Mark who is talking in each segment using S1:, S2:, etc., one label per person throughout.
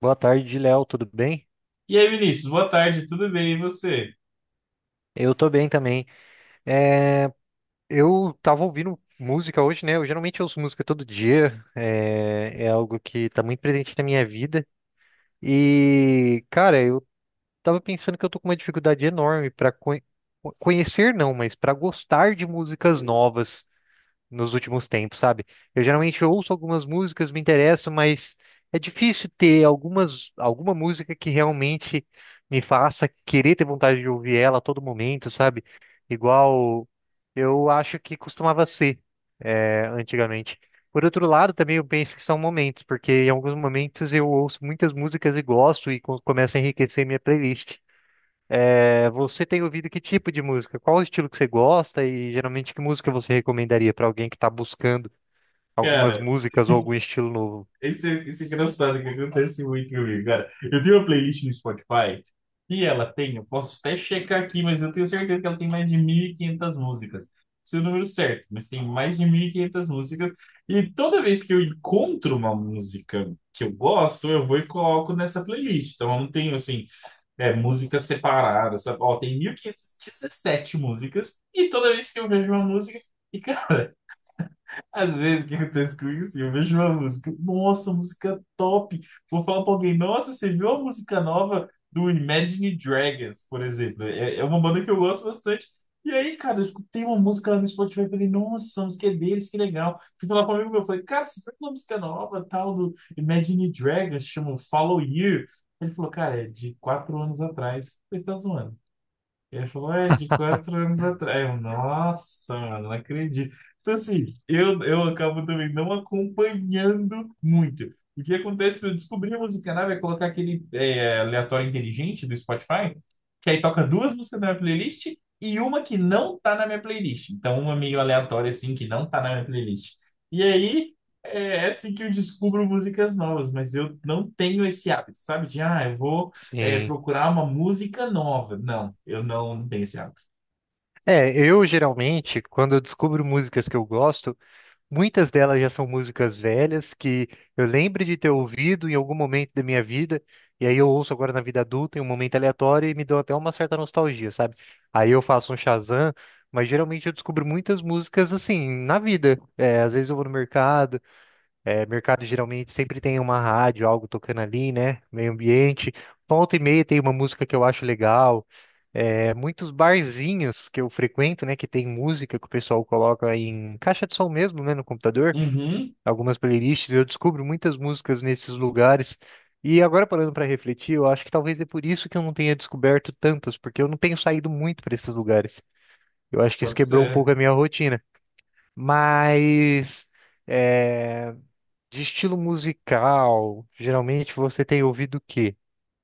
S1: Boa tarde, Léo, tudo bem?
S2: E aí, Vinícius, boa tarde, tudo bem? E você?
S1: Eu tô bem também. Eu tava ouvindo música hoje, né? Eu geralmente ouço música todo dia, é algo que tá muito presente na minha vida. E, cara, eu tava pensando que eu tô com uma dificuldade enorme pra conhecer, não, mas pra gostar de músicas novas nos últimos tempos, sabe? Eu geralmente ouço algumas músicas, me interessam, mas é difícil ter alguma música que realmente me faça querer ter vontade de ouvir ela a todo momento, sabe? Igual eu acho que costumava ser, antigamente. Por outro lado, também eu penso que são momentos, porque em alguns momentos eu ouço muitas músicas e gosto e começa a enriquecer minha playlist. É, você tem ouvido que tipo de música? Qual o estilo que você gosta e geralmente que música você recomendaria para alguém que está buscando algumas
S2: Cara,
S1: músicas ou algum estilo novo.
S2: Esse isso é engraçado, que acontece muito comigo, cara. Eu tenho uma playlist no Spotify e ela tem, eu posso até checar aqui, mas eu tenho certeza que ela tem mais de 1.500 músicas. Seu número certo, mas tem mais de 1.500 músicas. E toda vez que eu encontro uma música que eu gosto, eu vou e coloco nessa playlist. Então eu não tenho, assim, músicas separadas, sabe? Ó, tem 1.517 músicas e toda vez que eu vejo uma música. E, cara, às vezes o que acontece comigo, assim, eu vejo uma música, nossa, música top. Vou falar pra alguém, nossa, você viu a música nova do Imagine Dragons, por exemplo? É, é uma banda que eu gosto bastante. E aí, cara, eu escutei uma música lá no Spotify e falei, nossa, a música é deles, que legal. Fui falar pra um amigo meu, eu falei, cara, você viu uma música nova, tal, do Imagine Dragons, chama Follow You. Ele falou, cara, é de quatro anos atrás. Você tá zoando. Ele falou, é de quatro anos atrás. Eu, nossa, mano, não acredito. Então, assim, eu acabo também não acompanhando muito. O que acontece para eu descobrir a música nova é colocar aquele aleatório inteligente do Spotify, que aí toca duas músicas da minha playlist e uma que não tá na minha playlist. Então, uma meio aleatória, assim, que não tá na minha playlist. E aí, é assim que eu descubro músicas novas, mas eu não tenho esse hábito, sabe? De, ah, eu vou
S1: Sim.
S2: procurar uma música nova. Não, eu não tenho esse hábito.
S1: É, eu geralmente, quando eu descubro músicas que eu gosto, muitas delas já são músicas velhas que eu lembro de ter ouvido em algum momento da minha vida, e aí eu ouço agora na vida adulta, em um momento aleatório, e me dão até uma certa nostalgia, sabe? Aí eu faço um Shazam, mas geralmente eu descubro muitas músicas assim, na vida. É, às vezes eu vou no mercado. É, mercado geralmente sempre tem uma rádio, algo tocando ali, né? Meio ambiente. Volta e meia tem uma música que eu acho legal. É, muitos barzinhos que eu frequento, né? Que tem música que o pessoal coloca em caixa de som mesmo, né? No computador.
S2: Uhum.
S1: Algumas playlists. Eu descubro muitas músicas nesses lugares. E agora parando para refletir, eu acho que talvez é por isso que eu não tenha descoberto tantas, porque eu não tenho saído muito para esses lugares. Eu acho que isso
S2: Pode
S1: quebrou um
S2: ser.
S1: pouco a minha rotina. Mas, é, de estilo musical, geralmente você tem ouvido o quê?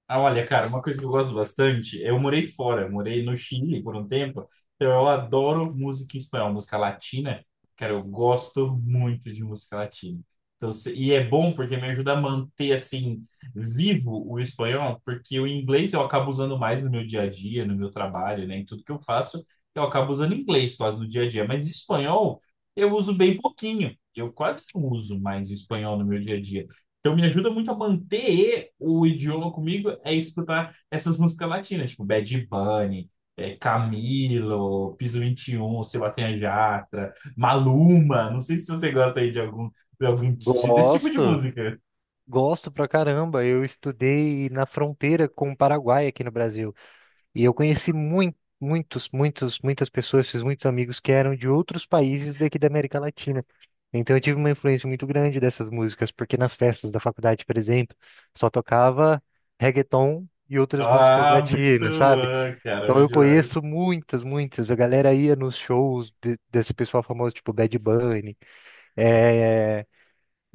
S2: Ah, olha, cara, uma coisa que eu gosto bastante, eu morei fora, eu morei no Chile por um tempo, então eu adoro música em espanhol, música latina, cara, eu gosto muito de música latina. Então, e é bom porque me ajuda a manter, assim, vivo o espanhol, porque o inglês eu acabo usando mais no meu dia a dia, no meu trabalho, né, em tudo que eu faço, eu acabo usando inglês quase no dia a dia, mas espanhol eu uso bem pouquinho, eu quase não uso mais espanhol no meu dia a dia. Então me ajuda muito a manter o idioma comigo é escutar essas músicas latinas, tipo Bad Bunny, Camilo, Piso Vinte e Um, Sebastião Yatra, Maluma. Não sei se você gosta aí de algum, desse tipo de
S1: Gosto,
S2: música.
S1: gosto pra caramba. Eu estudei na fronteira com o Paraguai aqui no Brasil. E eu conheci muito, muitos, muitos, muitas pessoas, fiz muitos amigos que eram de outros países daqui da América Latina. Então eu tive uma influência muito grande dessas músicas, porque nas festas da faculdade, por exemplo, só tocava reggaeton e outras músicas
S2: Ah, muito
S1: latinas, sabe?
S2: bom, cara,
S1: Então
S2: muito
S1: eu
S2: demais.
S1: conheço muitas, muitas. A galera ia nos shows desse pessoal famoso, tipo Bad Bunny.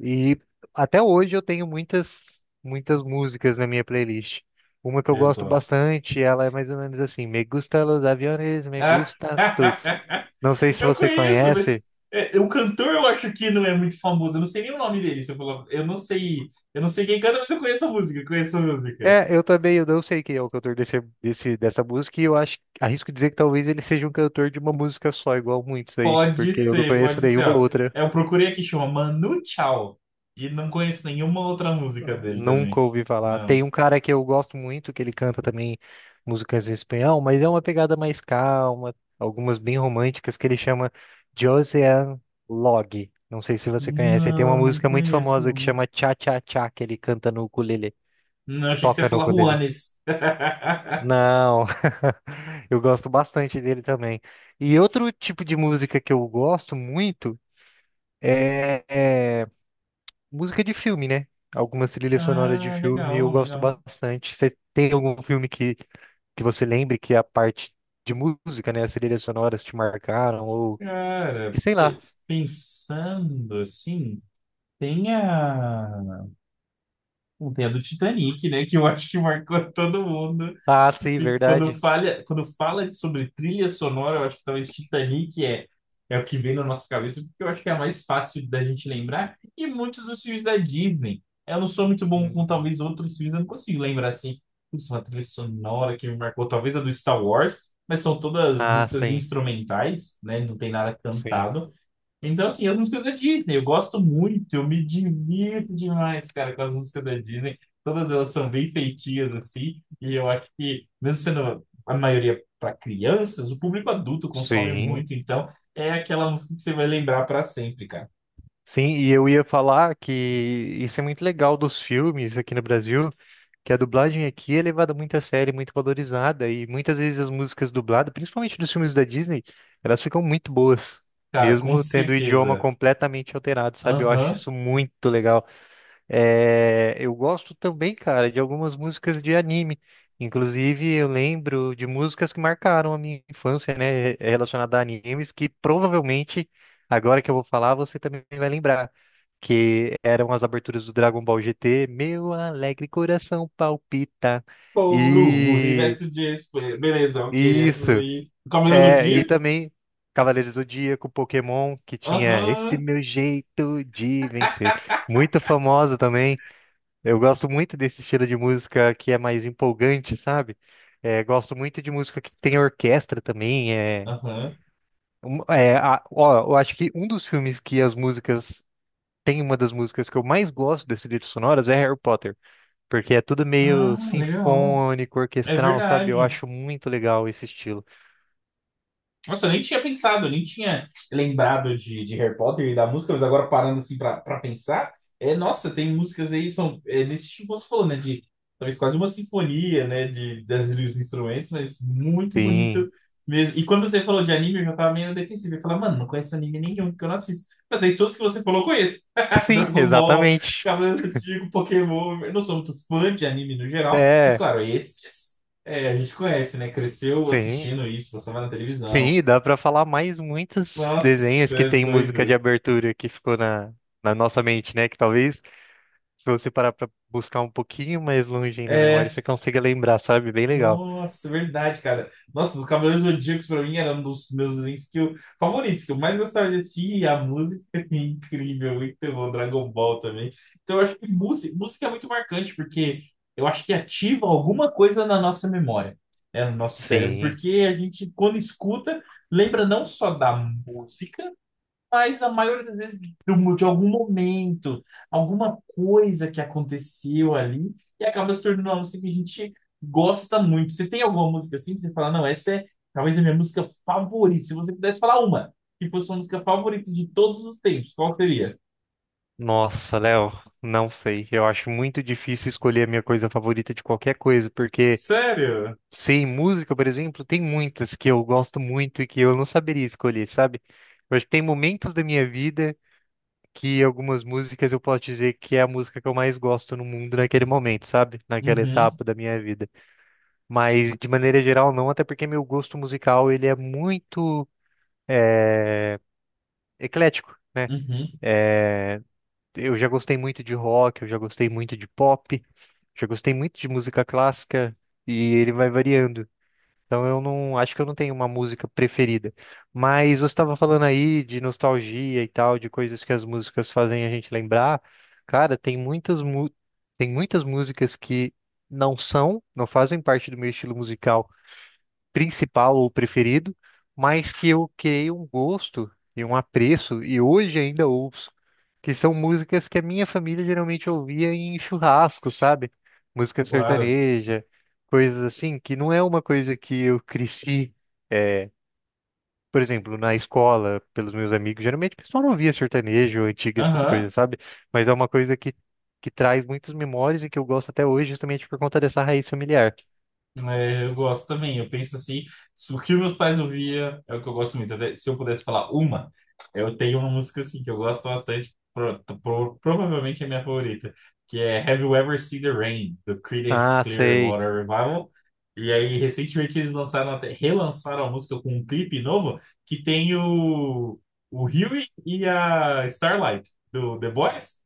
S1: E até hoje eu tenho muitas, muitas músicas na minha playlist. Uma que eu
S2: Eu
S1: gosto
S2: gosto.
S1: bastante, ela é mais ou menos assim: Me gusta los aviones, me
S2: Ah,
S1: gustas tu. Não sei se
S2: eu
S1: você
S2: conheço, mas
S1: conhece.
S2: o cantor eu acho que não é muito famoso. Eu não sei nem o nome dele. Se eu falar, eu não sei quem canta, mas eu conheço a música, eu conheço a música.
S1: É, eu também, eu não sei quem é o cantor dessa música, e eu acho, arrisco dizer que talvez ele seja um cantor de uma música só, igual muitos aí, porque eu não conheço
S2: Pode ser,
S1: nenhuma
S2: ó.
S1: outra.
S2: Eu procurei aqui, chama Manu Chao. E não conheço nenhuma outra música
S1: Não.
S2: dele
S1: Nunca
S2: também.
S1: ouvi falar.
S2: Não.
S1: Tem um cara que eu gosto muito, que ele canta também músicas em espanhol, mas é uma pegada mais calma, algumas bem românticas, que ele chama Josean Log. Não sei se você conhece. Ele tem uma
S2: Não, não
S1: música muito
S2: conheço,
S1: famosa que
S2: não.
S1: chama Cha Cha Cha, que ele canta no ukulele.
S2: Não, achei que você
S1: Toca
S2: ia
S1: no
S2: falar
S1: ukulele.
S2: Juanes.
S1: Não, eu gosto bastante dele também. E outro tipo de música que eu gosto muito é música de filme, né? Algumas trilhas sonoras de
S2: Ah,
S1: filme eu
S2: legal,
S1: gosto
S2: legal.
S1: bastante. Você tem algum filme que você lembre que a parte de música, né? As trilhas sonoras te marcaram ou
S2: Cara,
S1: que sei lá.
S2: pensando assim, tem a... Não tem a do Titanic, né? Que eu acho que marcou todo mundo.
S1: Ah, sim,
S2: Se, quando
S1: verdade.
S2: falha, quando fala sobre trilha sonora, eu acho que talvez Titanic é o que vem na nossa cabeça, porque eu acho que é a mais fácil da gente lembrar. E muitos dos filmes da Disney. Eu não sou muito bom com
S1: Hum.
S2: talvez outros filmes, eu não consigo lembrar assim. Putz, uma trilha sonora que me marcou, talvez a do Star Wars, mas são todas
S1: Ah,
S2: músicas
S1: sim,
S2: instrumentais, né? Não tem nada
S1: sim,
S2: cantado. Então, assim, as músicas da Disney, eu gosto muito, eu me divirto demais, cara, com as músicas da Disney. Todas elas são bem feitinhas, assim, e eu acho que, mesmo sendo a maioria para crianças, o público adulto consome
S1: sim.
S2: muito, então é aquela música que você vai lembrar para sempre, cara.
S1: Sim, e eu ia falar que isso é muito legal dos filmes aqui no Brasil, que a dublagem aqui é levada muito a sério, muito valorizada, e muitas vezes as músicas dubladas, principalmente dos filmes da Disney, elas ficam muito boas,
S2: Cara, com
S1: mesmo tendo o idioma
S2: certeza.
S1: completamente alterado, sabe? Eu acho
S2: Aham.
S1: isso muito legal. É, eu gosto também, cara, de algumas músicas de anime. Inclusive, eu lembro de músicas que marcaram a minha infância, né, relacionada a animes, que provavelmente, agora que eu vou falar, você também vai lembrar, que eram as aberturas do Dragon Ball GT, Meu alegre coração palpita.
S2: Por um
S1: E
S2: universo de esper... Beleza, ok, essas
S1: isso.
S2: aí. Cavaleiros do
S1: É, e
S2: Dia?
S1: também Cavaleiros do Zodíaco, Pokémon, que tinha esse
S2: Aham.
S1: meu jeito de vencer. Muito famosa também. Eu gosto muito desse estilo de música que é mais empolgante, sabe? É, gosto muito de música que tem orquestra também. É,
S2: Aham.
S1: ó, eu acho que um dos filmes que as músicas. Tem uma das músicas que eu mais gosto desse livro sonoras é Harry Potter, porque é tudo meio
S2: Ah, legal.
S1: sinfônico,
S2: É
S1: orquestral, sabe? Eu
S2: verdade.
S1: acho muito legal esse estilo.
S2: Nossa, eu nem tinha pensado, eu nem tinha lembrado de Harry Potter e da música, mas agora parando assim pra pensar, nossa, tem músicas aí, nesse tipo que você falou, né? De talvez quase uma sinfonia, né? Dos instrumentos, mas muito bonito
S1: Sim,
S2: mesmo. E quando você falou de anime, eu já tava meio defensivo. Eu falei, mano, não conheço anime nenhum, porque eu não assisto. Mas aí todos que você falou, eu conheço.
S1: sim,
S2: Dragon Ball,
S1: exatamente.
S2: Cavaleiros do Zodíaco, Pokémon. Eu não sou muito fã de anime no geral, mas
S1: É,
S2: claro, esses. É, a gente conhece, né? Cresceu
S1: sim.
S2: assistindo isso, passava na televisão.
S1: Sim, dá pra falar mais muitos desenhos
S2: Nossa,
S1: que
S2: é
S1: tem música de
S2: doido.
S1: abertura que ficou na nossa mente, né? Que talvez, se você parar pra buscar um pouquinho mais longe aí na memória,
S2: É,
S1: você consiga lembrar, sabe? Bem legal.
S2: nossa, verdade, cara. Nossa, dos Cavaleiros do Zodíaco pra mim era um dos meus desenhos que favoritos, que eu mais gostava de assistir. E a música é incrível, muito bom. Dragon Ball também. Então eu acho que música é muito marcante, porque eu acho que ativa alguma coisa na nossa memória, né, no nosso cérebro.
S1: Sim.
S2: Porque a gente, quando escuta, lembra não só da música, mas a maioria das vezes de algum momento, alguma coisa que aconteceu ali e acaba se tornando uma música que a gente gosta muito. Você tem alguma música assim que você fala, não, essa é talvez a minha música favorita. Se você pudesse falar uma, que fosse sua música favorita de todos os tempos, qual seria?
S1: Nossa, Léo, não sei. Eu acho muito difícil escolher a minha coisa favorita de qualquer coisa, porque,
S2: Sério?
S1: sim, música, por exemplo, tem muitas que eu gosto muito e que eu não saberia escolher, sabe? Eu acho que tem momentos da minha vida que algumas músicas eu posso dizer que é a música que eu mais gosto no mundo naquele momento, sabe? Naquela
S2: Uhum,
S1: etapa da minha vida. Mas de maneira geral não, até porque meu gosto musical ele é muito eclético, né?
S2: uhum,
S1: Eu já gostei muito de rock, eu já gostei muito de pop, já gostei muito de música clássica e ele vai variando. Então eu não acho que eu não tenho uma música preferida. Mas você estava falando aí de nostalgia e tal, de coisas que as músicas fazem a gente lembrar. Cara, tem muitas músicas que não são, não fazem parte do meu estilo musical principal ou preferido, mas que eu criei um gosto e um apreço, e hoje ainda ouço, que são músicas que a minha família geralmente ouvia em churrasco, sabe? Música
S2: claro.
S1: sertaneja, coisas assim, que não é uma coisa que eu cresci, é, por exemplo, na escola, pelos meus amigos, geralmente o pessoal não ouvia sertanejo, antiga, essas
S2: Aham.
S1: coisas, sabe? Mas é uma coisa que traz muitas memórias e que eu gosto até hoje, justamente por conta dessa raiz familiar.
S2: É, eu gosto também. Eu penso assim, se o que meus pais ouvia é o que eu gosto muito. Até se eu pudesse falar uma, eu tenho uma música assim que eu gosto bastante, provavelmente é minha favorita, que é Have You Ever Seen the Rain, do Creedence
S1: Ah, sei.
S2: Clearwater Revival. E aí, recentemente eles lançaram até, relançaram a música com um clipe novo que tem o Huey e a Starlight do The Boys.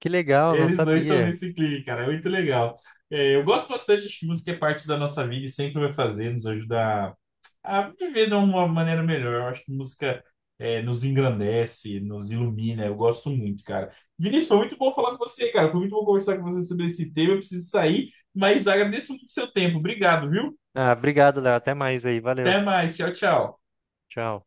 S1: Que legal, não
S2: Eles dois estão
S1: sabia.
S2: nesse clipe, cara. É muito legal. É, eu gosto bastante, acho que música é parte da nossa vida e sempre vai fazer, nos ajuda a viver de uma maneira melhor. Eu acho que música nos engrandece, nos ilumina. Eu gosto muito, cara. Vinícius, foi muito bom falar com você, cara. Foi muito bom conversar com você sobre esse tema. Eu preciso sair, mas agradeço muito o seu tempo. Obrigado, viu?
S1: Ah, obrigado, Léo. Até mais aí. Valeu.
S2: Até mais. Tchau, tchau.
S1: Tchau.